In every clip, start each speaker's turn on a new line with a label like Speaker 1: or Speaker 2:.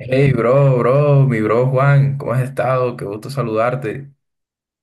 Speaker 1: Hey, bro, bro, mi bro Juan, ¿cómo has estado? Qué gusto saludarte.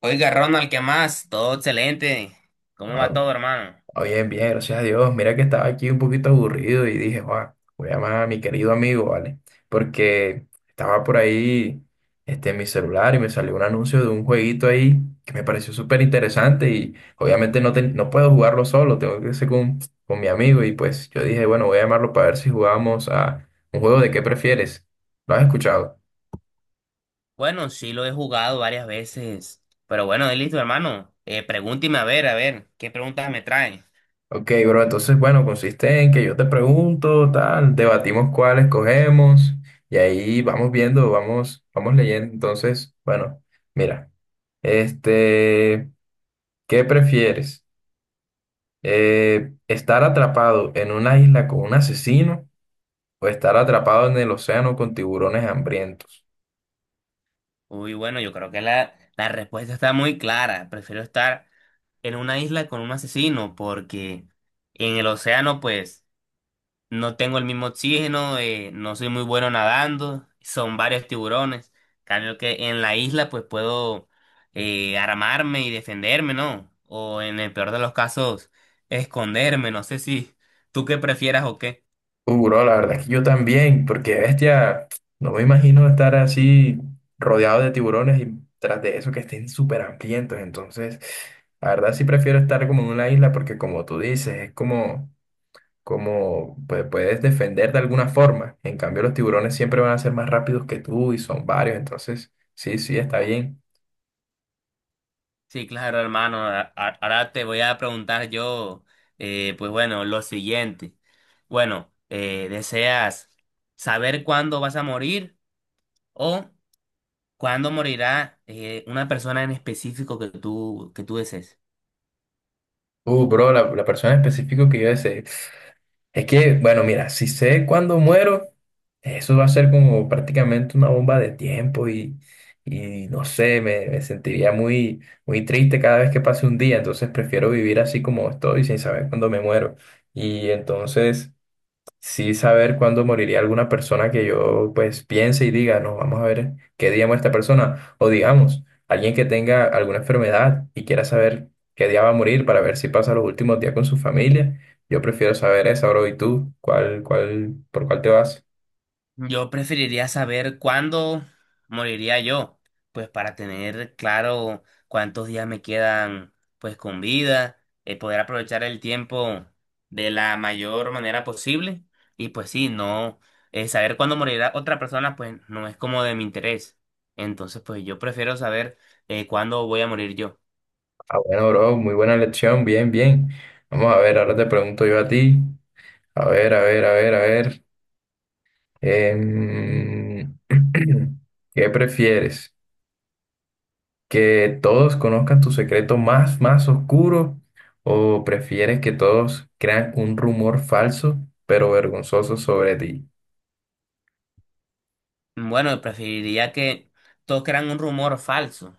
Speaker 2: Oiga, Ronald, ¿qué más? Todo excelente. ¿Cómo va
Speaker 1: Ah,
Speaker 2: todo, hermano?
Speaker 1: bien, bien, gracias a Dios. Mira que estaba aquí un poquito aburrido y dije, Juan, voy a llamar a mi querido amigo, ¿vale? Porque estaba por ahí en mi celular y me salió un anuncio de un jueguito ahí que me pareció súper interesante y obviamente no, no puedo jugarlo solo, tengo que ser con mi amigo y pues yo dije, bueno, voy a llamarlo para ver si jugamos a un juego de qué prefieres. ¿Lo has escuchado?
Speaker 2: Bueno, sí lo he jugado varias veces. Pero bueno, listo, hermano. Pregúnteme a ver, ¿qué preguntas me trae?
Speaker 1: Ok, bro, entonces, bueno, consiste en que yo te pregunto, tal, debatimos cuál escogemos y ahí vamos viendo, vamos leyendo. Entonces, bueno, mira, este, ¿qué prefieres? ¿Estar atrapado en una isla con un asesino o estar atrapado en el océano con tiburones hambrientos?
Speaker 2: Uy, bueno, yo creo que la respuesta está muy clara. Prefiero estar en una isla con un asesino porque en el océano, pues, no tengo el mismo oxígeno, no soy muy bueno nadando, son varios tiburones. Cambio que en la isla pues puedo armarme y defenderme, ¿no? O en el peor de los casos, esconderme, no sé si tú qué prefieras o qué.
Speaker 1: Bro, la verdad es que yo también, porque bestia, no me imagino estar así rodeado de tiburones y tras de eso que estén súper hambrientos. Entonces, la verdad sí prefiero estar como en una isla porque como tú dices, es como, como pues, puedes defender de alguna forma. En cambio, los tiburones siempre van a ser más rápidos que tú y son varios. Entonces, sí, sí, está bien.
Speaker 2: Sí, claro, hermano, ahora te voy a preguntar yo, pues bueno, lo siguiente. Bueno, ¿deseas saber cuándo vas a morir o ¿cuándo morirá una persona en específico que tú desees?
Speaker 1: Bro, la persona específica que yo deseé. Es que, bueno, mira, si sé cuándo muero, eso va a ser como prácticamente una bomba de tiempo y no sé, me sentiría muy triste cada vez que pase un día, entonces prefiero vivir así como estoy, sin saber cuándo me muero. Y entonces sí saber cuándo moriría alguna persona que yo pues piense y diga, no, vamos a ver qué día muere esta persona. O digamos, alguien que tenga alguna enfermedad y quiera saber qué día va a morir para ver si pasa los últimos días con su familia. Yo prefiero saber eso bro. ¿Y tú? Por cuál te vas?
Speaker 2: Yo preferiría saber cuándo moriría yo, pues para tener claro cuántos días me quedan pues con vida, poder aprovechar el tiempo de la mayor manera posible y pues sí, no saber cuándo morirá otra persona pues no es como de mi interés. Entonces pues yo prefiero saber cuándo voy a morir yo.
Speaker 1: Ah, bueno, bro, muy buena lección. Bien, bien. Vamos a ver, ahora te pregunto yo a ti. A ver, a ver, a ver, a ver. Em, ¿qué prefieres? Que todos conozcan tu secreto más oscuro o prefieres que todos crean un rumor falso pero vergonzoso sobre ti?
Speaker 2: Bueno, preferiría que todos crean un rumor falso,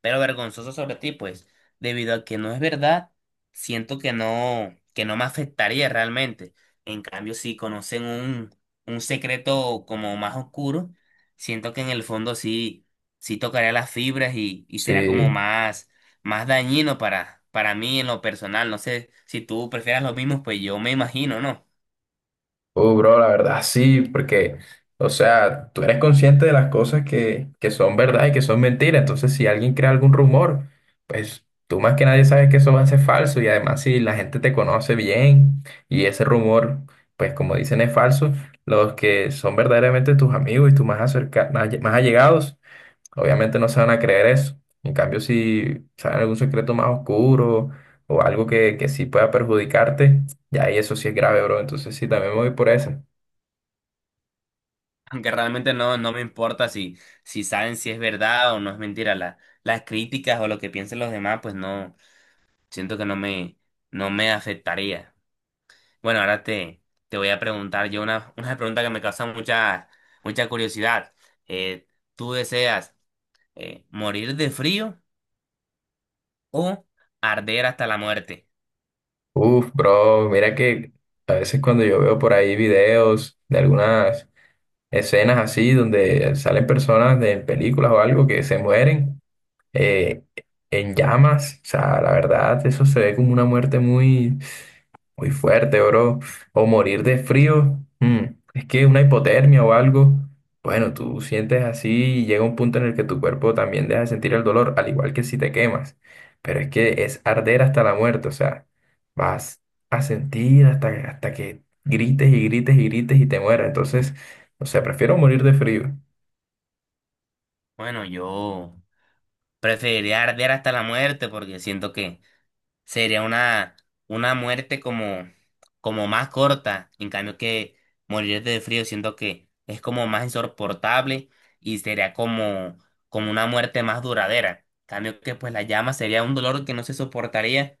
Speaker 2: pero vergonzoso sobre ti, pues, debido a que no es verdad, siento que no me afectaría realmente. En cambio, si conocen un secreto como más oscuro, siento que en el fondo sí, sí tocaría las fibras y será como
Speaker 1: Sí.
Speaker 2: más dañino para mí en lo personal. No sé si tú prefieras lo mismo, pues yo me imagino, ¿no?
Speaker 1: Bro, la verdad sí, porque, o sea, tú eres consciente de las cosas que son verdad y que son mentira. Entonces, si alguien crea algún rumor, pues tú más que nadie sabes que eso va a ser falso. Y además, si la gente te conoce bien y ese rumor, pues como dicen, es falso, los que son verdaderamente tus amigos y tus más allegados obviamente no se van a creer eso. En cambio, si saben algún secreto más oscuro o algo que sí pueda perjudicarte, ya ahí eso sí es grave, bro. Entonces sí, también me voy por esa.
Speaker 2: Aunque realmente no, no me importa si saben si es verdad o no es mentira. Las críticas o lo que piensen los demás, pues no, siento que no me afectaría. Bueno, ahora te voy a preguntar yo una, una pregunta que me causa mucha, mucha curiosidad. Eh, ¿Tú deseas morir de frío o arder hasta la muerte?
Speaker 1: Uf, bro, mira que a veces cuando yo veo por ahí videos de algunas escenas así donde salen personas de películas o algo que se mueren eh, en llamas, o sea, la verdad, eso se ve como una muerte muy muy fuerte, bro. O morir de frío. Es que una hipotermia o algo. Bueno, tú sientes así y llega un punto en el que tu cuerpo también deja de sentir el dolor, al igual que si te quemas. Pero es que es arder hasta la muerte, o sea, vas a sentir hasta que grites y grites y grites y te mueras. Entonces, o sea, prefiero morir de frío.
Speaker 2: Bueno, yo preferiría arder hasta la muerte porque siento que sería una muerte como más corta. En cambio que morir de frío siento que es como más insoportable y sería como una muerte más duradera. En cambio que pues la llama sería un dolor que no se soportaría,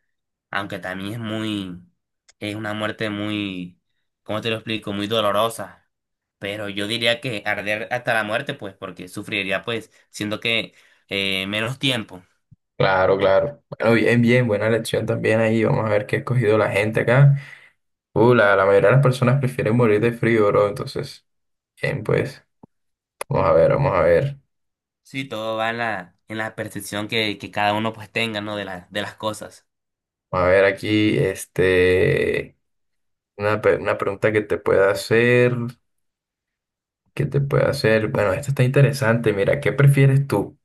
Speaker 2: aunque también es una muerte muy, ¿cómo te lo explico? Muy dolorosa. Pero yo diría que arder hasta la muerte, pues, porque sufriría pues, siento que menos tiempo.
Speaker 1: Claro, claro. Bueno, bien, bien, buena lección también ahí. Vamos a ver qué ha escogido la gente acá. La mayoría de las personas prefieren morir de frío, bro. Entonces, bien, pues. Vamos a ver, vamos a ver.
Speaker 2: Sí, todo va en en la percepción que cada uno pues tenga, ¿no? De las cosas.
Speaker 1: Vamos a ver aquí, una pregunta que te pueda hacer. Bueno, esta está interesante. Mira, ¿qué prefieres tú?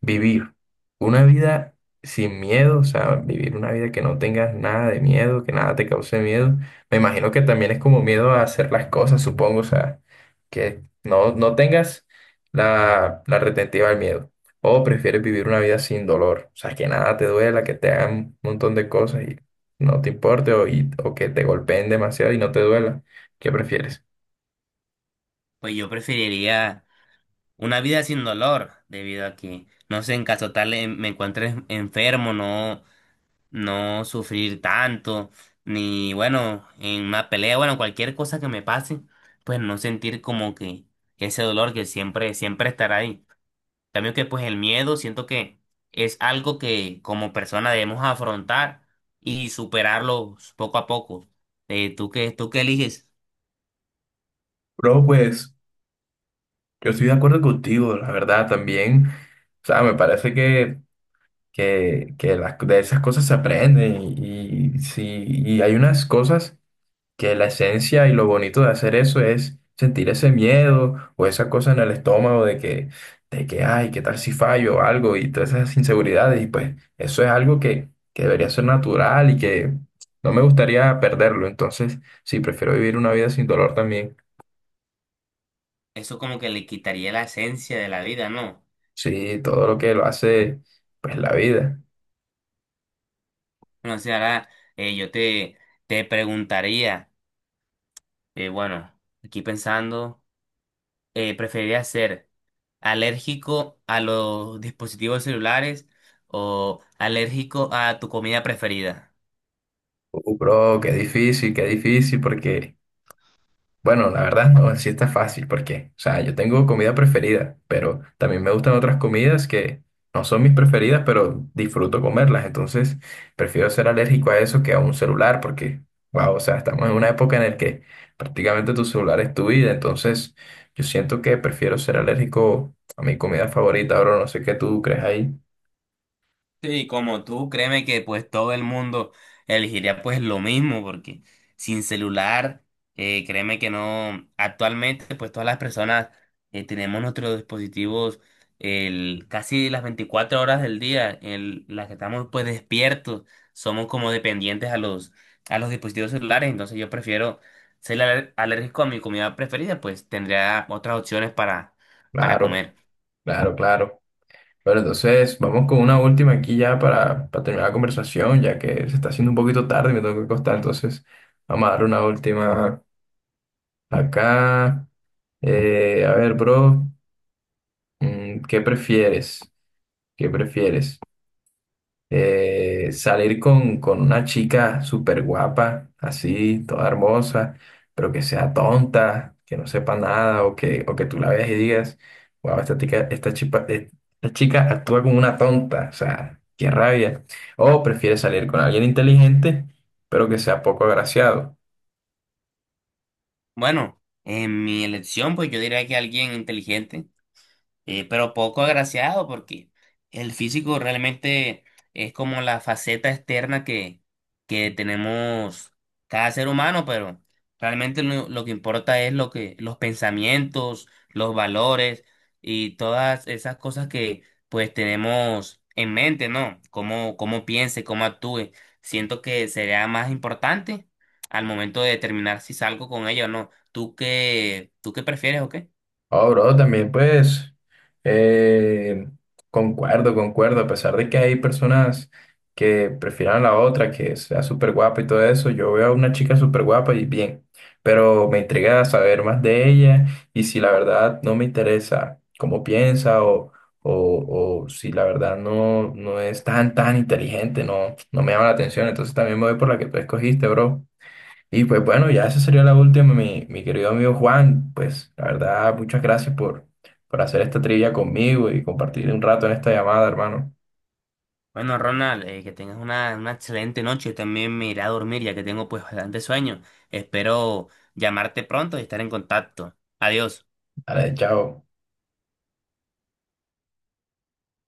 Speaker 1: Vivir una vida sin miedo, o sea, vivir una vida que no tengas nada de miedo, que nada te cause miedo. Me imagino que también es como miedo a hacer las cosas, supongo, o sea, que no tengas la retentiva al miedo. O prefieres vivir una vida sin dolor, o sea, que nada te duela, que te hagan un montón de cosas y no te importe, o que te golpeen demasiado y no te duela. ¿Qué prefieres?
Speaker 2: Pues yo preferiría una vida sin dolor, debido a que, no sé, en caso tal me encuentre enfermo, no, no sufrir tanto, ni bueno, en una pelea, bueno, cualquier cosa que me pase, pues no sentir como que ese dolor que siempre, siempre estará ahí. También que pues el miedo siento que es algo que como persona debemos afrontar y superarlo poco a poco. ¿Tú qué eliges?
Speaker 1: Bro, pues yo estoy de acuerdo contigo, la verdad, también. O sea, me parece que de esas cosas se aprende y sí, y hay unas cosas que la esencia y lo bonito de hacer eso es sentir ese miedo o esa cosa en el estómago de que, ay, ¿qué tal si fallo o algo? Y todas esas inseguridades y pues eso es algo que debería ser natural y que no me gustaría perderlo, entonces sí, prefiero vivir una vida sin dolor también,
Speaker 2: Eso como que le quitaría la esencia de la vida, ¿no?
Speaker 1: sí, todo lo que lo hace pues la vida.
Speaker 2: No sé, ahora yo te preguntaría, bueno, aquí pensando, ¿preferirías ser alérgico a los dispositivos celulares o alérgico a tu comida preferida?
Speaker 1: Bro, qué difícil, porque bueno, la verdad no, sí está fácil porque, o sea, yo tengo comida preferida, pero también me gustan otras comidas que no son mis preferidas, pero disfruto comerlas. Entonces, prefiero ser alérgico a eso que a un celular porque, wow, o sea, estamos en una época en la que prácticamente tu celular es tu vida. Entonces, yo siento que prefiero ser alérgico a mi comida favorita. Ahora no sé qué tú crees ahí.
Speaker 2: Sí, como tú, créeme que pues todo el mundo elegiría pues lo mismo, porque sin celular, créeme que no, actualmente pues todas las personas tenemos nuestros dispositivos casi las 24 horas del día, en las que estamos pues despiertos, somos como dependientes a los dispositivos celulares, entonces yo prefiero ser alérgico a mi comida preferida, pues tendría otras opciones para
Speaker 1: Claro,
Speaker 2: comer.
Speaker 1: claro, claro. Bueno, entonces vamos con una última aquí ya para terminar la conversación, ya que se está haciendo un poquito tarde y me tengo que acostar. Entonces, vamos a dar una última acá. A ver, bro, mm, ¿qué prefieres? ¿Qué prefieres? Eh, salir con una chica súper guapa, así, toda hermosa, pero que sea tonta, que no sepa nada, o que tú la veas y digas, wow, esta chica actúa como una tonta, o sea, qué rabia. O prefieres salir con alguien inteligente, pero que sea poco agraciado.
Speaker 2: Bueno, en mi elección pues yo diría que alguien inteligente, pero poco agraciado porque el físico realmente es como la faceta externa que tenemos cada ser humano, pero realmente lo que importa es los pensamientos, los valores y todas esas cosas que pues tenemos en mente, ¿no? Cómo, cómo piense, cómo actúe. Siento que sería más importante al momento de determinar si salgo con ella o no. ¿Tú qué prefieres o qué?
Speaker 1: Oh, bro, también pues eh, concuerdo, concuerdo, a pesar de que hay personas que prefieran a la otra, que sea súper guapa y todo eso, yo veo a una chica súper guapa y bien, pero me intriga saber más de ella y si la verdad no me interesa cómo piensa o si la verdad no, no es tan inteligente, no me llama la atención, entonces también me voy por la que tú escogiste, bro. Y pues bueno, ya esa sería la última, mi querido amigo Juan. Pues la verdad, muchas gracias por hacer esta trivia conmigo y compartir un rato en esta llamada, hermano.
Speaker 2: Bueno, Ronald, que tengas una excelente noche. Yo también me iré a dormir ya que tengo pues bastante sueño. Espero llamarte pronto y estar en contacto. Adiós.
Speaker 1: Dale, chao.